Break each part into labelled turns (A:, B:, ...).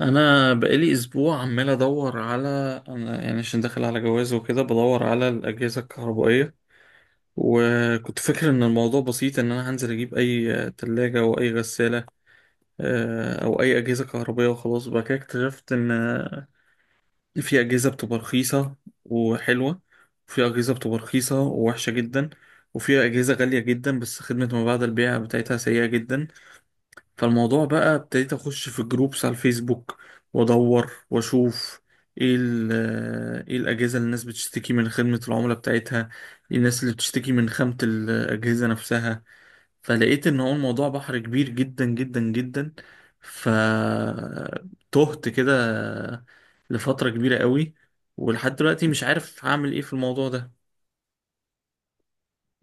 A: انا بقالي اسبوع عمال ادور على. انا يعني عشان داخل على جواز وكده بدور على الاجهزه الكهربائيه. وكنت فاكر ان الموضوع بسيط، ان انا هنزل اجيب اي تلاجة او اي غساله، او اي اجهزه كهربائيه وخلاص بقى كده. اكتشفت ان في اجهزه بتبقى رخيصه وحلوه، وفي اجهزه بتبقى رخيصه ووحشه جدا، وفي اجهزه غاليه جدا بس خدمه ما بعد البيع بتاعتها سيئه جدا. فالموضوع بقى ابتديت اخش في جروبس على الفيسبوك وادور واشوف ايه ال- آه، ايه الاجهزه اللي الناس بتشتكي من خدمه العملاء بتاعتها، إيه الناس اللي بتشتكي من خامه الاجهزه نفسها. فلقيت ان هو الموضوع بحر كبير جدا جدا جدا. فتهت كده لفتره كبيره قوي، ولحد دلوقتي مش عارف هعمل ايه في الموضوع ده.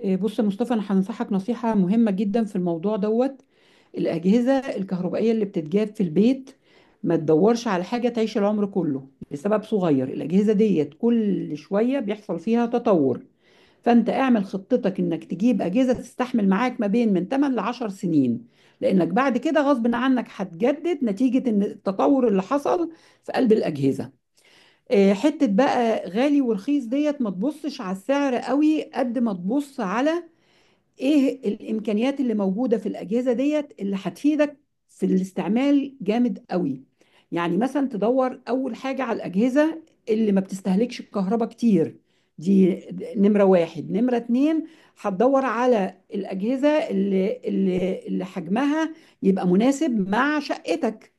B: إيه، بص يا مصطفى، انا هنصحك نصيحة مهمة جدا في الموضوع دوت. الأجهزة الكهربائية اللي بتتجاب في البيت، ما تدورش على حاجة تعيش العمر كله لسبب صغير. الأجهزة ديت كل شوية بيحصل فيها تطور، فأنت اعمل خطتك إنك تجيب أجهزة تستحمل معاك ما بين من 8 ل 10 سنين، لأنك بعد كده غصب عنك هتجدد نتيجة إن التطور اللي حصل في قلب الأجهزة. إيه، حتة بقى غالي ورخيص ديت، ما تبصش على السعر قوي قد ما تبص على ايه الامكانيات اللي موجوده في الاجهزه ديت اللي هتفيدك في الاستعمال جامد قوي. يعني مثلا تدور اول حاجه على الاجهزه اللي ما بتستهلكش الكهرباء كتير دي. نمره واحد. نمره اتنين، هتدور على الاجهزه اللي حجمها يبقى مناسب مع شقتك.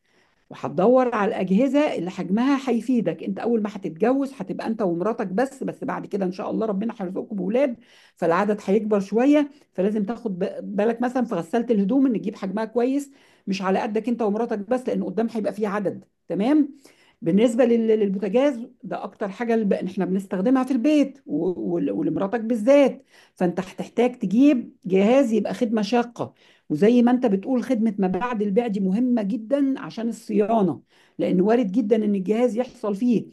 B: وهتدور على الأجهزة اللي حجمها هيفيدك. انت اول ما هتتجوز هتبقى انت ومراتك بس، بس بعد كده ان شاء الله ربنا هيرزقكم بأولاد، فالعدد هيكبر شوية، فلازم تاخد بالك مثلا في غسالة الهدوم ان تجيب حجمها كويس، مش على قدك انت ومراتك بس، لان قدام هيبقى فيه عدد. تمام. بالنسبة للبوتاجاز ده أكتر حاجة، إحنا بنستخدمها في البيت، ولمراتك بالذات. فأنت هتحتاج تجيب جهاز يبقى خدمة شاقة. وزي ما أنت بتقول، خدمة ما بعد البيع دي مهمة جدا عشان الصيانة، لأن وارد جدا إن الجهاز يحصل فيه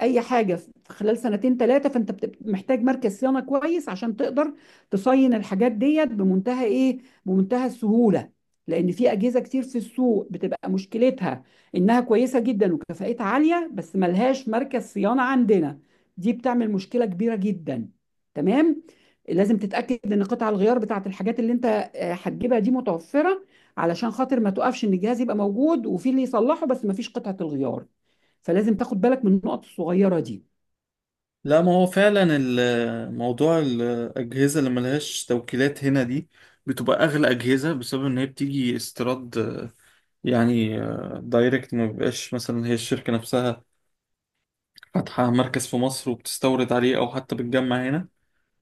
B: أي حاجة في خلال سنتين ثلاثة، فأنت بتبقى محتاج مركز صيانة كويس عشان تقدر تصين الحاجات ديت بمنتهى إيه، بمنتهى السهولة. لأن في أجهزة كتير في السوق بتبقى مشكلتها انها كويسه جدا وكفاءتها عاليه بس ملهاش مركز صيانه عندنا، دي بتعمل مشكله كبيره جدا. تمام. لازم تتاكد ان قطع الغيار بتاعت الحاجات اللي انت هتجيبها دي متوفره، علشان خاطر ما توقفش ان الجهاز يبقى موجود وفي اللي يصلحه بس ما فيش قطعه الغيار. فلازم تاخد بالك من النقط الصغيره دي.
A: لا، ما هو فعلا موضوع الأجهزة اللي ملهاش توكيلات هنا دي بتبقى أغلى أجهزة، بسبب إن هي بتيجي استيراد، يعني دايركت، ما بيبقاش مثلا هي الشركة نفسها فاتحة مركز في مصر وبتستورد عليه، أو حتى بتجمع هنا.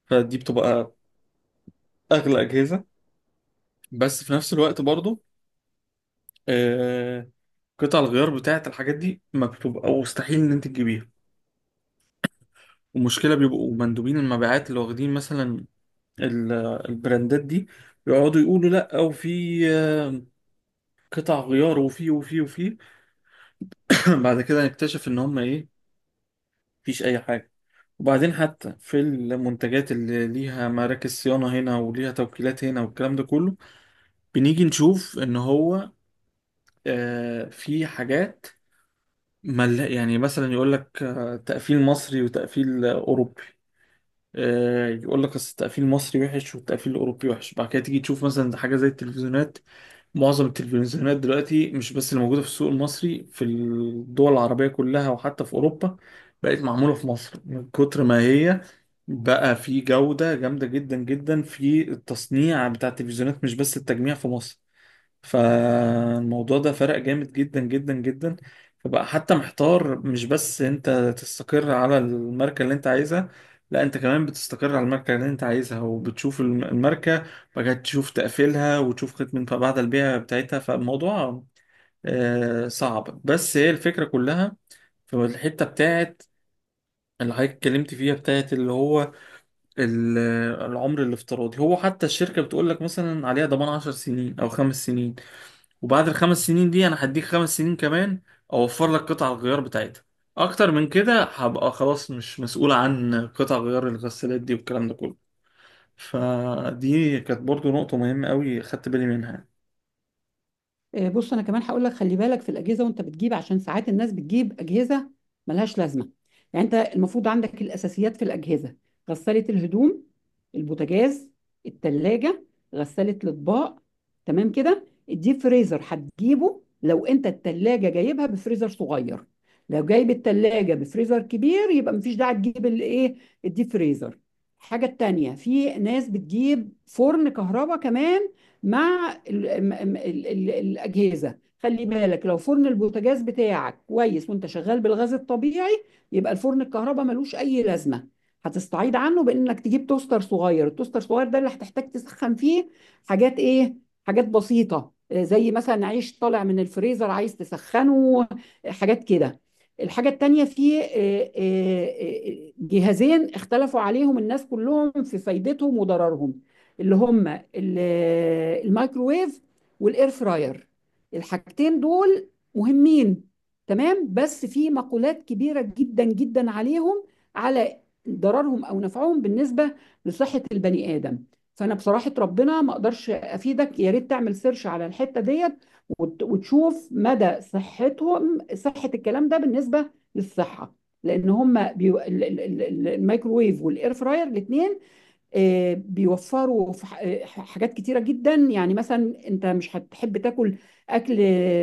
A: فدي بتبقى أغلى أجهزة. بس في نفس الوقت برضو، آه، قطع الغيار بتاعة الحاجات دي ما بتبقى مستحيل إن أنت تجيبيها. ومشكلة، بيبقوا مندوبين المبيعات اللي واخدين مثلا ال- البراندات دي يقعدوا يقولوا لا، وفي آه، قطع غيار، وفي. بعد كده نكتشف ان هم ايه؟ مفيش اي حاجه. وبعدين حتى في المنتجات اللي ليها مراكز صيانه هنا وليها توكيلات هنا والكلام ده كله، بنيجي نشوف ان هو في حاجات. يعني مثلا يقول لك تقفيل مصري وتقفيل اوروبي. يقول لك اصل التقفيل المصري وحش والتقفيل الاوروبي وحش. بعد كده تيجي تشوف مثلا حاجه زي التلفزيونات. معظم التلفزيونات دلوقتي، مش بس اللي موجوده في السوق المصري، في الدول العربيه كلها وحتى في اوروبا، بقت معموله في مصر. من كتر ما هي بقى في جوده جامده جدا جدا في التصنيع بتاع التلفزيونات، مش بس التجميع في مصر. فالموضوع ده فرق جامد جدا جدا جدا. فبقى حتى محتار. مش بس انت تستقر على الماركة اللي انت عايزها، لا، انت كمان بتستقر على الماركة اللي انت عايزها وبتشوف الماركة بقى، تشوف تقفيلها وتشوف خدمة ما بعد البيع بتاعتها. فالموضوع صعب، بس هي الفكرة كلها في الحتة بتاعت اللي حضرتك اتكلمت فيها، بتاعت اللي هو ال- العمر الافتراضي. هو حتى الشركة بتقول لك مثلا عليها ضمان 10 سنين او 5 سنين، وبعد الخمس سنين دي انا هديك 5 سنين كمان، اوفر لك قطع الغيار بتاعتها. اكتر من كده هبقى خلاص مش مسؤول عن قطع غيار الغسالات دي والكلام ده كله. فدي كانت برضو نقطة مهمة قوي خدت بالي منها يعني.
B: بص، انا كمان هقول لك خلي بالك في الاجهزه وانت بتجيب، عشان ساعات الناس بتجيب اجهزه ملهاش لازمه. يعني انت المفروض عندك الاساسيات في الاجهزه: غساله الهدوم، البوتاجاز، التلاجة، غساله الاطباق. تمام كده. الديب فريزر هتجيبه لو انت التلاجة جايبها بفريزر صغير. لو جايب التلاجة بفريزر كبير، يبقى مفيش داعي تجيب الايه، الديب فريزر. الحاجه التانيه، في ناس بتجيب فرن كهرباء كمان مع ال ال ال الأجهزة. خلي بالك لو فرن البوتاجاز بتاعك كويس وانت شغال بالغاز الطبيعي، يبقى الفرن الكهرباء ملوش أي لازمة. هتستعيض عنه بإنك تجيب توستر صغير. التوستر الصغير ده اللي هتحتاج تسخن فيه حاجات إيه، حاجات بسيطة زي مثلا عيش طالع من الفريزر عايز تسخنه، حاجات كده. الحاجة التانية، في جهازين اختلفوا عليهم الناس كلهم في فايدتهم وضررهم، اللي هم ال- الميكروويف والاير فراير. الحاجتين دول مهمين، تمام، بس في مقولات كبيرة جدا جدا عليهم، على ضررهم او نفعهم بالنسبة لصحة البني آدم. فانا بصراحة ربنا ما اقدرش افيدك، يا ريت تعمل سيرش على الحتة ديت، وتشوف مدى صحتهم، صحة الكلام ده بالنسبة للصحة، لان هم بيو... ال- ال- ال- الميكروويف والاير فراير الاثنين بيوفروا في حاجات كتيرة جدا. يعني مثلا انت مش هتحب تاكل اكل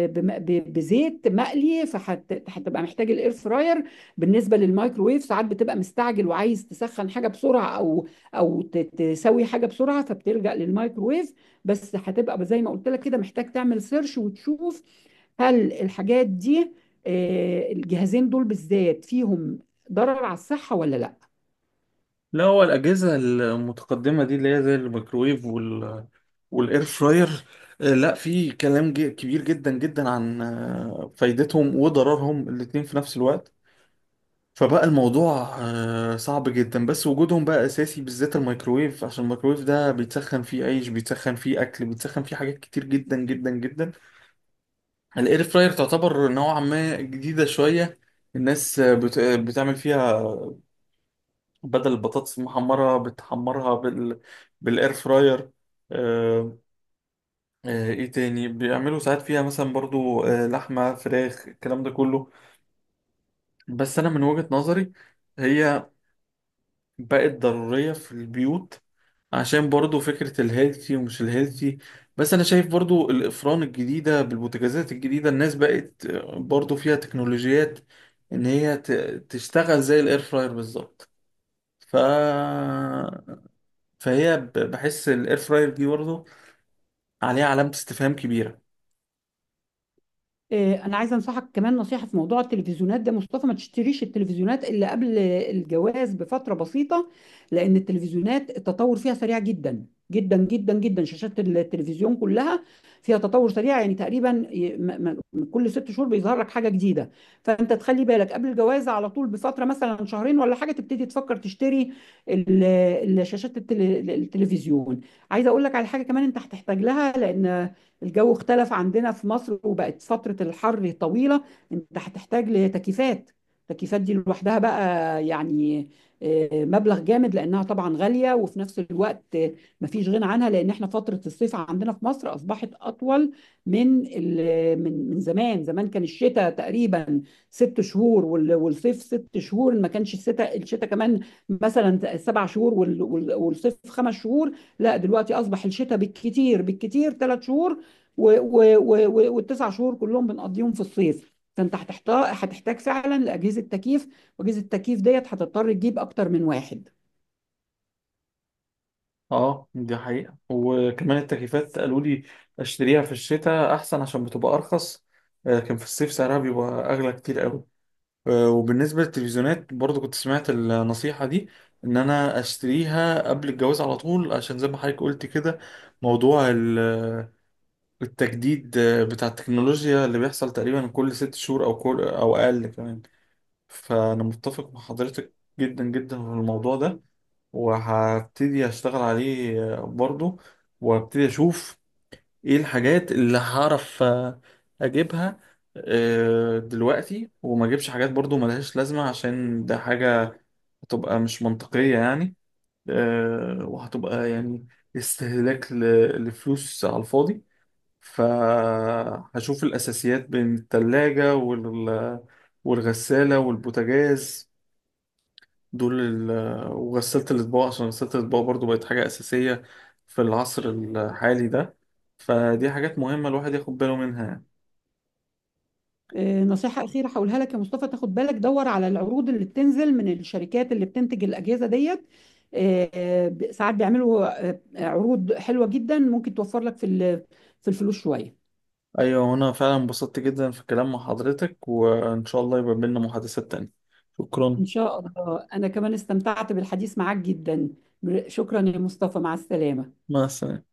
B: بزيت مقلي، فهتبقى محتاج الاير فراير. بالنسبة للمايكرويف، ساعات بتبقى مستعجل وعايز تسخن حاجة بسرعة او او تسوي حاجة بسرعة، فبتلجأ للمايكرويف. بس هتبقى زي ما قلت لك كده، محتاج تعمل سيرش وتشوف هل الحاجات دي، الجهازين دول بالذات، فيهم ضرر على الصحة ولا لا.
A: لا، هو الأجهزة المتقدمة دي اللي هي زي الميكرويف والإير فراير، لا، في كلام كبير جدا جدا عن فايدتهم وضررهم الاتنين في نفس الوقت. فبقى الموضوع صعب جدا. بس وجودهم بقى اساسي، بالذات الميكروويف، عشان الميكروويف ده بيتسخن فيه عيش، بيتسخن فيه اكل، بيتسخن فيه حاجات كتير جدا جدا جدا. الاير فراير تعتبر نوعا ما جديده شويه. الناس آه، بت... آه، بتعمل فيها، بدل البطاطس المحمره بتحمرها بالاير فراير. آه، ايه تاني بيعملوا ساعات فيها مثلا برضو لحمه فراخ الكلام ده كله. بس انا من وجهة نظري هي بقت ضرورية في البيوت، عشان برضو فكرة الهيلثي ومش الهيلثي. بس أنا شايف برضو الأفران الجديدة بالبوتاجازات الجديدة، الناس بقت برضو فيها تكنولوجيات إن هي تشتغل زي الإير فراير بالظبط. ف... فهي، بحس الإير فراير دي برضو عليها علامة استفهام كبيرة.
B: إيه، انا عايزه انصحك كمان نصيحه في موضوع التلفزيونات ده، مصطفى. ما تشتريش التلفزيونات الا قبل الجواز بفتره بسيطه، لان التلفزيونات التطور فيها سريع جدا جدا جدا جدا. شاشات التلفزيون كلها فيها تطور سريع، يعني تقريبا كل ست شهور بيظهر لك حاجه جديده. فانت تخلي بالك قبل الجواز على طول بفتره مثلا شهرين ولا حاجه تبتدي تفكر تشتري ال- الشاشات، التلفزيون. عايزه اقول لك على حاجه كمان انت هتحتاج لها، لان الجو اختلف عندنا في مصر وبقت فترة الحر طويلة. انت هتحتاج لتكييفات. التكييفات دي لوحدها بقى يعني مبلغ جامد، لانها طبعا غالية، وفي نفس الوقت مفيش غنى عنها، لان احنا فترة الصيف عندنا في مصر اصبحت اطول من من زمان. زمان كان الشتاء تقريبا ست شهور والصيف ست شهور. ما كانش الشتاء كمان مثلا سبع شهور والصيف خمس شهور. لا، دلوقتي اصبح الشتاء بالكتير بالكتير ثلاث شهور، و و و و والتسع شهور كلهم بنقضيهم في الصيف. فانت هتحتاج فعلا لاجهزه تكييف، واجهزه التكييف ديت هتضطر تجيب اكتر من واحد.
A: اه، دي حقيقة. وكمان التكييفات قالوا لي اشتريها في الشتاء أحسن عشان بتبقى أرخص. كان في الصيف سعرها بيبقى أغلى كتير أوي. وبالنسبة للتلفزيونات برضو كنت سمعت النصيحة دي، إن أنا أشتريها قبل الجواز على طول، عشان زي ما حضرتك قلت كده، موضوع التجديد بتاع التكنولوجيا اللي بيحصل تقريبا كل 6 شهور أو كل أو أقل كمان. فأنا متفق مع حضرتك جدا جدا في الموضوع ده، وهبتدي أشتغل عليه برضو. وابتدي أشوف ايه الحاجات اللي هعرف اجيبها دلوقتي، وما اجيبش حاجات برضو ملهاش لازمة، عشان ده حاجة هتبقى مش منطقية يعني. وهتبقى يعني استهلاك لفلوس على الفاضي. فهشوف الأساسيات بين التلاجة والغسالة والبوتاجاز دول، وغسالة الأطباق، عشان غسالة الأطباق برضو بقت حاجة أساسية في العصر الحالي ده. فدي حاجات مهمة الواحد ياخد باله منها يعني.
B: نصيحه اخيره هقولها لك يا مصطفى، تاخد بالك دور على العروض اللي بتنزل من الشركات اللي بتنتج الاجهزه ديت. ساعات بيعملوا عروض حلوه جدا، ممكن توفر لك في في الفلوس شويه.
A: ايوه، وانا فعلا انبسطت جدا في الكلام مع حضرتك، وان شاء الله يبقى بينا محادثات تانية. شكرا.
B: ان شاء الله، انا كمان استمتعت بالحديث معاك جدا. شكرا يا مصطفى، مع السلامه.
A: مع السلامة.